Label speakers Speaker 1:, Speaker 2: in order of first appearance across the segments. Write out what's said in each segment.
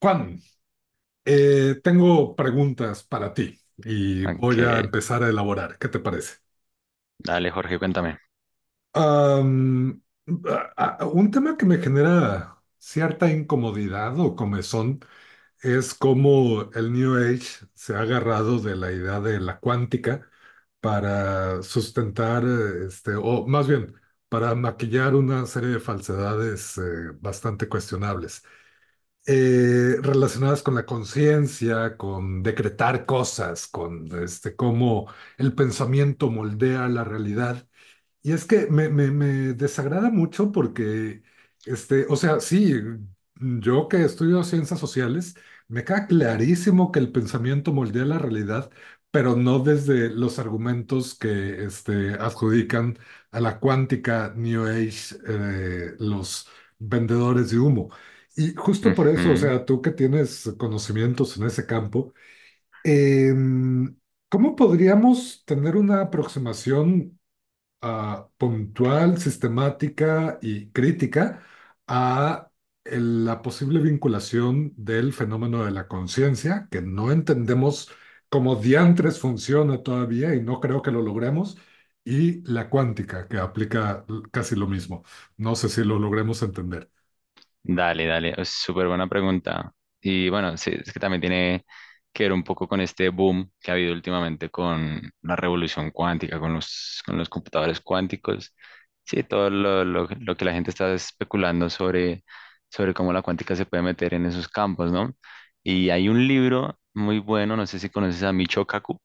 Speaker 1: Juan, tengo preguntas para ti y
Speaker 2: Ok,
Speaker 1: voy a empezar a elaborar. ¿Qué te parece?
Speaker 2: dale, Jorge, cuéntame.
Speaker 1: Am, un tema que me genera cierta incomodidad o comezón es cómo el New Age se ha agarrado de la idea de la cuántica para sustentar, o más bien, para maquillar una serie de falsedades bastante cuestionables, relacionadas con la conciencia, con decretar cosas, con cómo el pensamiento moldea la realidad. Y es que me desagrada mucho porque, o sea, sí, yo que estudio ciencias sociales, me queda clarísimo que el pensamiento moldea la realidad, pero no desde los argumentos que adjudican a la cuántica New Age los vendedores de humo. Y justo por eso, o
Speaker 2: Ujú.
Speaker 1: sea, tú que tienes conocimientos en ese campo, em, ¿cómo podríamos tener una aproximación puntual, sistemática y crítica a la posible vinculación del fenómeno de la conciencia, que no entendemos cómo diantres funciona todavía y no creo que lo logremos, y la cuántica, que aplica casi lo mismo? No sé si lo logremos entender.
Speaker 2: Dale, dale, es súper buena pregunta. Y bueno, sí, es que también tiene que ver un poco con este boom que ha habido últimamente con la revolución cuántica, con con los computadores cuánticos. Sí, todo lo que la gente está especulando sobre cómo la cuántica se puede meter en esos campos, ¿no? Y hay un libro muy bueno, no sé si conoces a Michio Kaku.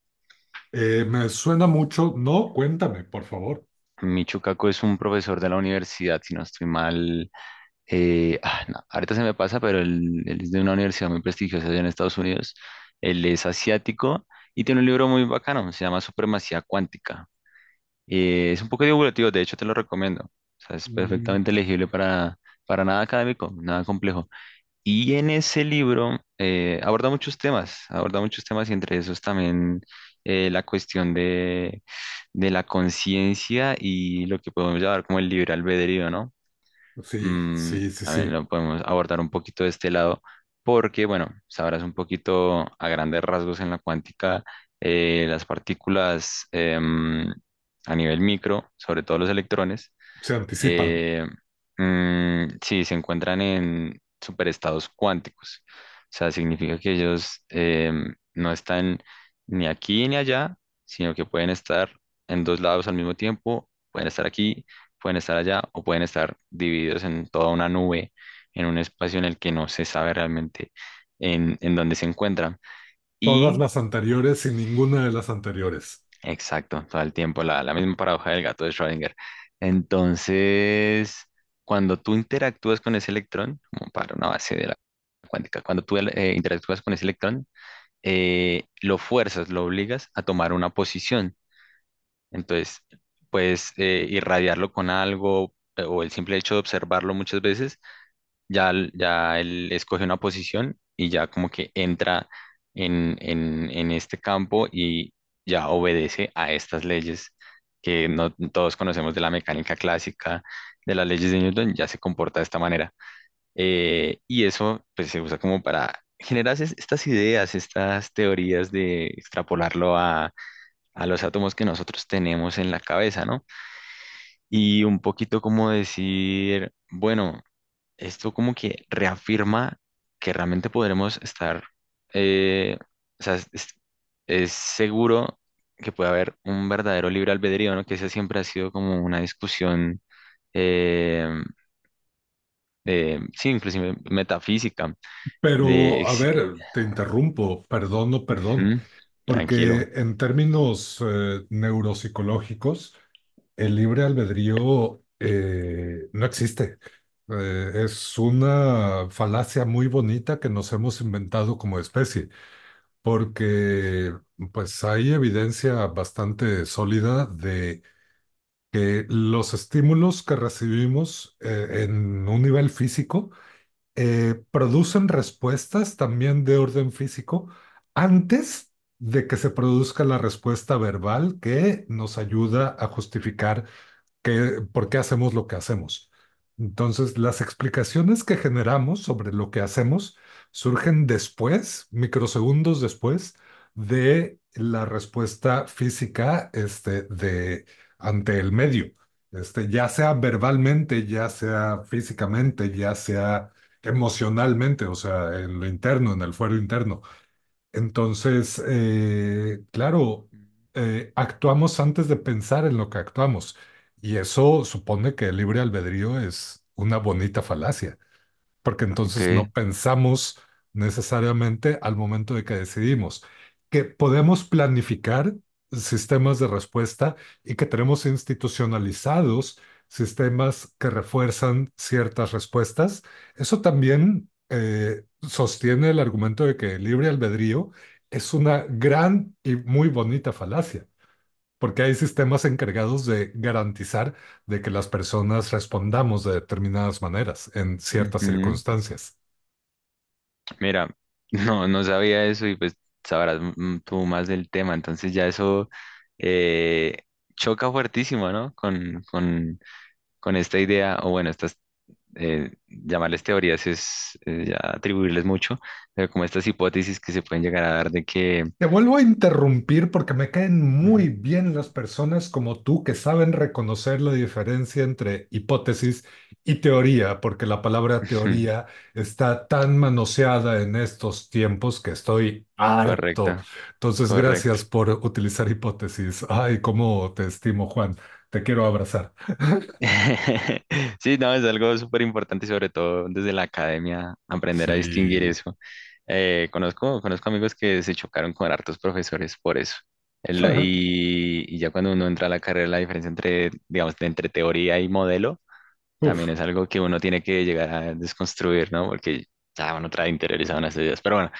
Speaker 1: Me suena mucho. No, cuéntame, por favor.
Speaker 2: Michio Kaku es un profesor de la universidad, si no estoy mal. No, ahorita se me pasa, pero él es de una universidad muy prestigiosa allá en Estados Unidos. Él es asiático y tiene un libro muy bacano, se llama Supremacía Cuántica. Es un poco divulgativo, de hecho te lo recomiendo. O sea, es
Speaker 1: Mm,
Speaker 2: perfectamente legible, para nada académico, nada complejo. Y en ese libro aborda muchos temas, aborda muchos temas, y entre esos también la cuestión de la conciencia y lo que podemos llamar como el libre albedrío, ¿no?
Speaker 1: sí,
Speaker 2: mm,
Speaker 1: sí, sí,
Speaker 2: también
Speaker 1: sí.
Speaker 2: lo podemos abordar un poquito de este lado, porque, bueno, sabrás un poquito a grandes rasgos, en la cuántica las partículas a nivel micro, sobre todo los electrones,
Speaker 1: Se anticipan.
Speaker 2: eh, sí, se encuentran en superestados cuánticos. O sea, significa que ellos no están ni aquí ni allá, sino que pueden estar en dos lados al mismo tiempo: pueden estar aquí, pueden estar allá, o pueden estar divididos en toda una nube, en un espacio en el que no se sabe realmente en dónde se encuentran.
Speaker 1: Todas
Speaker 2: Y
Speaker 1: las anteriores y ninguna de las anteriores.
Speaker 2: Exacto, todo el tiempo, la misma paradoja del gato de Schrödinger. Entonces, cuando tú interactúas con ese electrón, como para una base de la cuántica, cuando tú interactúas con ese electrón, lo fuerzas, lo obligas a tomar una posición. Entonces, puedes irradiarlo con algo, o el simple hecho de observarlo muchas veces ya, ya él escoge una posición y ya como que entra en este campo y ya obedece a estas leyes que no todos conocemos, de la mecánica clásica, de las leyes de Newton. Ya se comporta de esta manera. Y eso pues se usa como para generar estas ideas, estas teorías, de extrapolarlo a los átomos que nosotros tenemos en la cabeza, ¿no? Y un poquito como decir, bueno, esto como que reafirma que realmente podremos estar, eh, o sea, es seguro que puede haber un verdadero libre albedrío, ¿no? Que esa siempre ha sido como una discusión eh, sí, inclusive metafísica, de,
Speaker 1: Pero, a
Speaker 2: ex-
Speaker 1: ver, te interrumpo, perdón, no perdón,
Speaker 2: ¿Mm? Tranquilo.
Speaker 1: porque en términos neuropsicológicos, el libre albedrío no existe. Es una falacia muy bonita que nos hemos inventado como especie, porque pues hay evidencia bastante sólida de que los estímulos que recibimos en un nivel físico producen respuestas también de orden físico antes de que se produzca la respuesta verbal que nos ayuda a justificar que, por qué hacemos lo que hacemos. Entonces, las explicaciones que generamos sobre lo que hacemos surgen después, microsegundos después, de la respuesta física, de, ante el medio, ya sea verbalmente, ya sea físicamente, ya sea emocionalmente, o sea, en lo interno, en el fuero interno. Entonces, claro, actuamos antes de pensar en lo que actuamos. Y eso supone que el libre albedrío es una bonita falacia porque entonces no
Speaker 2: Ok,
Speaker 1: pensamos necesariamente al momento de que decidimos, que podemos planificar sistemas de respuesta y que tenemos institucionalizados sistemas que refuerzan ciertas respuestas. Eso también sostiene el argumento de que el libre albedrío es una gran y muy bonita falacia porque hay sistemas encargados de garantizar de que las personas respondamos de determinadas maneras en ciertas
Speaker 2: ujú.
Speaker 1: circunstancias.
Speaker 2: Mira, no, no sabía eso, y pues sabrás, tú más del tema, entonces ya eso eh, choca fuertísimo, ¿no? Con esta idea, o bueno, estas, llamarles teorías es ya atribuirles mucho, pero como estas hipótesis que se pueden llegar a dar de que...
Speaker 1: Te vuelvo a interrumpir porque me caen
Speaker 2: Ujú,
Speaker 1: muy bien las personas como tú que saben reconocer la diferencia entre hipótesis y teoría, porque la palabra
Speaker 2: ujú.
Speaker 1: teoría está tan manoseada en estos tiempos que estoy harto.
Speaker 2: Correcto,
Speaker 1: Entonces,
Speaker 2: correcto.
Speaker 1: gracias por utilizar hipótesis. Ay, cómo te estimo, Juan. Te quiero abrazar.
Speaker 2: Sí, no, es algo súper importante, y sobre todo desde la academia, aprender a distinguir
Speaker 1: Sí.
Speaker 2: eso. Conozco amigos que se chocaron con hartos profesores por eso. Y ya cuando uno entra a la carrera, la diferencia entre, digamos, entre teoría y modelo también
Speaker 1: Uf.
Speaker 2: es algo que uno tiene que llegar a desconstruir, ¿no? Porque ya uno trae interiorizado en esas ideas. Pero bueno,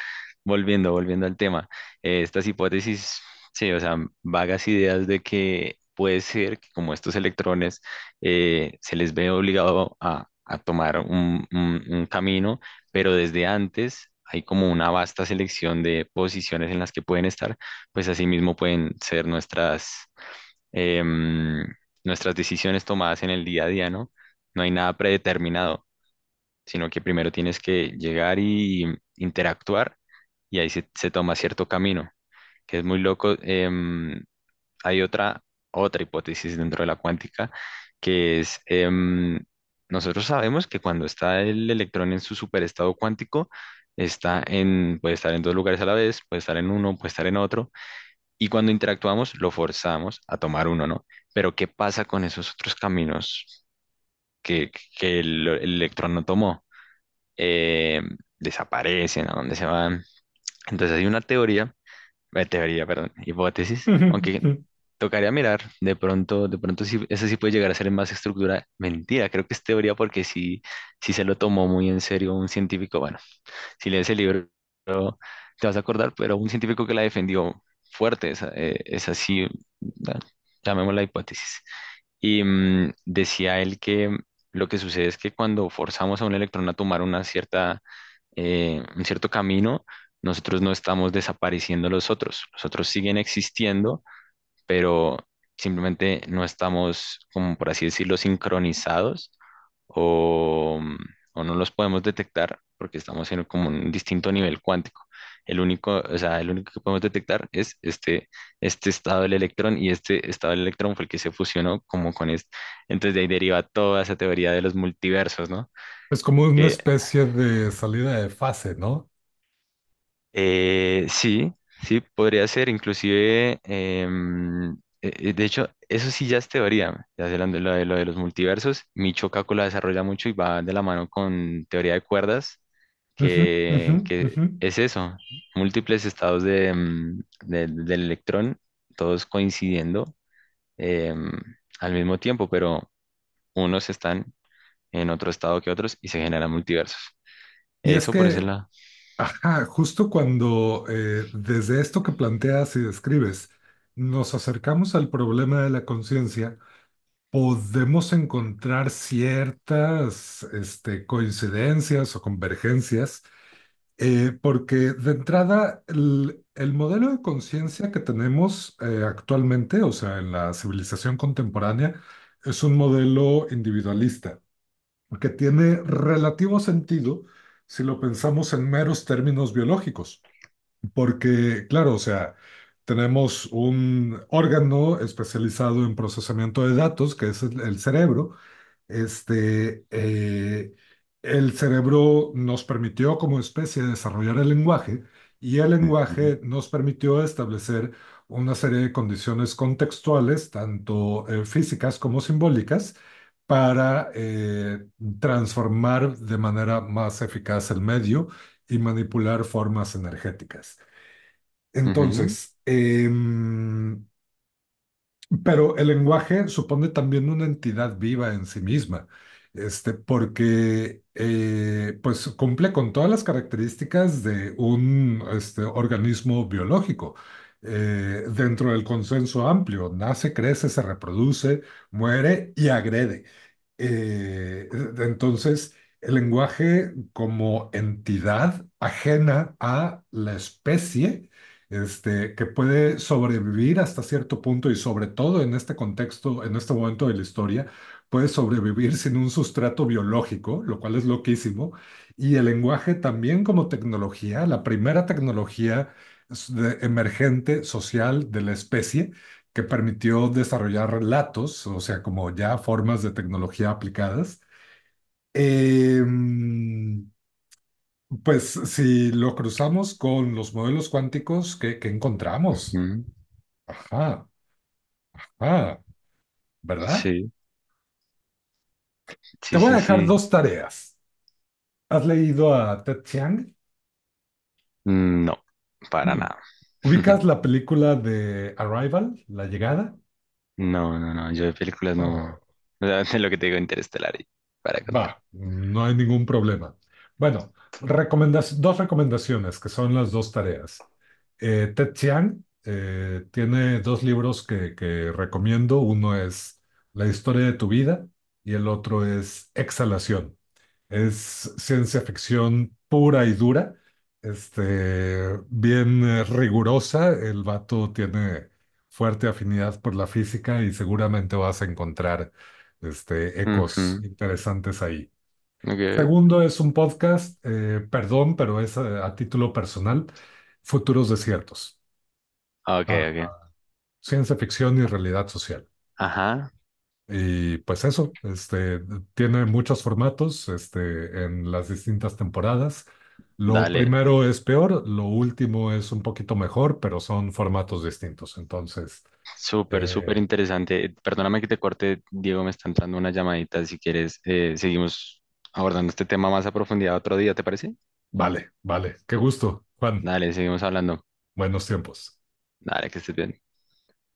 Speaker 2: volviendo al tema, estas hipótesis, sí, o sea, vagas ideas de que puede ser que, como estos electrones se les ve obligado a tomar un camino, pero desde antes hay como una vasta selección de posiciones en las que pueden estar, pues asimismo pueden ser nuestras, em, nuestras decisiones tomadas en el día a día, ¿no? No hay nada predeterminado, sino que primero tienes que llegar y interactuar, y ahí se toma cierto camino, que es muy loco. Hay otra hipótesis dentro de la cuántica, que es, nosotros sabemos que cuando está el electrón en su superestado cuántico, puede estar en dos lugares a la vez, puede estar en uno, puede estar en otro, y cuando interactuamos lo forzamos a tomar uno, ¿no? Pero ¿qué pasa con esos otros caminos que, que el electrón no tomó? eh, Desaparecen, a dónde se van. Entonces hay una teoría, teoría, perdón, hipótesis, aunque tocaría mirar, de pronto sí, eso sí puede llegar a ser más estructura. Mentira, creo que es teoría porque sí, sí se lo tomó muy en serio un científico. Bueno, si lees el libro te vas a acordar, pero un científico que la defendió fuerte, esa, esa sí, la- llamémosla hipótesis. Y decía él que lo que sucede es que cuando forzamos a un electrón a tomar una cierta, un cierto camino, nosotros no estamos desapareciendo los otros. Los otros siguen existiendo, pero simplemente no estamos, como por así decirlo, sincronizados, o, o no los podemos detectar porque estamos en como un distinto nivel cuántico. El único, o sea, el único que podemos detectar es este, este estado del electrón, y este estado del electrón fue el que se fusionó como con este. Entonces de ahí deriva toda esa teoría de los multiversos, ¿no?
Speaker 1: Es como una
Speaker 2: Que
Speaker 1: especie de salida de fase, ¿no?
Speaker 2: Sí, sí, podría ser, inclusive, de hecho, eso sí ya es teoría, ya sé, lo de los multiversos. Michio Kaku la desarrolla mucho y va de la mano con teoría de cuerdas,
Speaker 1: Ujú, ujú,
Speaker 2: que
Speaker 1: ujú.
Speaker 2: es eso, múltiples estados de, del electrón, todos coincidiendo em, al mismo tiempo, pero unos están en otro estado que otros y se generan multiversos.
Speaker 1: Y es
Speaker 2: Eso por ese
Speaker 1: que,
Speaker 2: lado.
Speaker 1: ajá, justo cuando desde esto que planteas y describes, nos acercamos al problema de la conciencia, podemos encontrar ciertas coincidencias o convergencias. Porque de entrada, el modelo de conciencia que tenemos actualmente, o sea, en la civilización contemporánea, es un modelo individualista, que tiene relativo sentido si lo pensamos en meros términos biológicos, porque, claro, o sea, tenemos un órgano especializado en procesamiento de datos, que es el cerebro, este, eh, el cerebro nos permitió como especie desarrollar el lenguaje y el
Speaker 2: Ujú,
Speaker 1: lenguaje nos permitió establecer una serie de condiciones contextuales, tanto físicas como simbólicas, para transformar de manera más eficaz el medio y manipular formas energéticas.
Speaker 2: ujú,
Speaker 1: Entonces, pero el lenguaje supone también una entidad viva en sí misma, porque pues cumple con todas las características de un organismo biológico, dentro del consenso amplio: nace, crece, se reproduce, muere y agrede. Eh, entonces, el lenguaje como entidad ajena a la especie, que puede sobrevivir hasta cierto punto y sobre todo en este contexto, en este momento de la historia, puede sobrevivir sin un sustrato biológico, lo cual es loquísimo, y el lenguaje también como tecnología, la primera tecnología emergente social de la especie que permitió desarrollar relatos, o sea, como ya formas de tecnología aplicadas. Em, pues si lo cruzamos con los modelos cuánticos, ¿que qué encontramos?
Speaker 2: ujú.
Speaker 1: Ajá, ajá, ¿verdad?
Speaker 2: Sí,
Speaker 1: Te
Speaker 2: sí,
Speaker 1: voy a
Speaker 2: sí,
Speaker 1: dejar
Speaker 2: sí.
Speaker 1: dos tareas. ¿Has leído a Ted Chiang?
Speaker 2: No, para
Speaker 1: Mm.
Speaker 2: nada.
Speaker 1: ¿Ubicas la película de Arrival, La Llegada?
Speaker 2: No, no, no. Yo de películas
Speaker 1: Oh,
Speaker 2: no. O sea, de lo que te digo, Interestelar, y para contar.
Speaker 1: va, no hay ningún problema. Bueno, dos recomendaciones que son las dos tareas. Ted Chiang tiene dos libros que recomiendo. Uno es La historia de tu vida y el otro es Exhalación. Es ciencia ficción pura y dura, bien rigurosa. El vato tiene fuerte afinidad por la física y seguramente vas a encontrar ecos
Speaker 2: Ujú.
Speaker 1: interesantes ahí.
Speaker 2: Ok,
Speaker 1: Segundo es un podcast, perdón, pero es, a título personal, Futuros Desiertos.
Speaker 2: ok,
Speaker 1: Ah,
Speaker 2: ok.
Speaker 1: ciencia ficción y realidad social.
Speaker 2: Ajá,
Speaker 1: Y pues eso, tiene muchos formatos, en las distintas temporadas. Lo
Speaker 2: dale.
Speaker 1: primero es peor, lo último es un poquito mejor, pero son formatos distintos. Entonces,
Speaker 2: Súper, súper
Speaker 1: eh,
Speaker 2: interesante. Perdóname que te corte, Diego, me está entrando una llamadita. Si quieres, seguimos abordando este tema más a profundidad otro día, ¿te parece?
Speaker 1: vale, vale. Qué gusto, Juan.
Speaker 2: Dale, seguimos hablando.
Speaker 1: Buenos tiempos.
Speaker 2: Dale, que estés bien.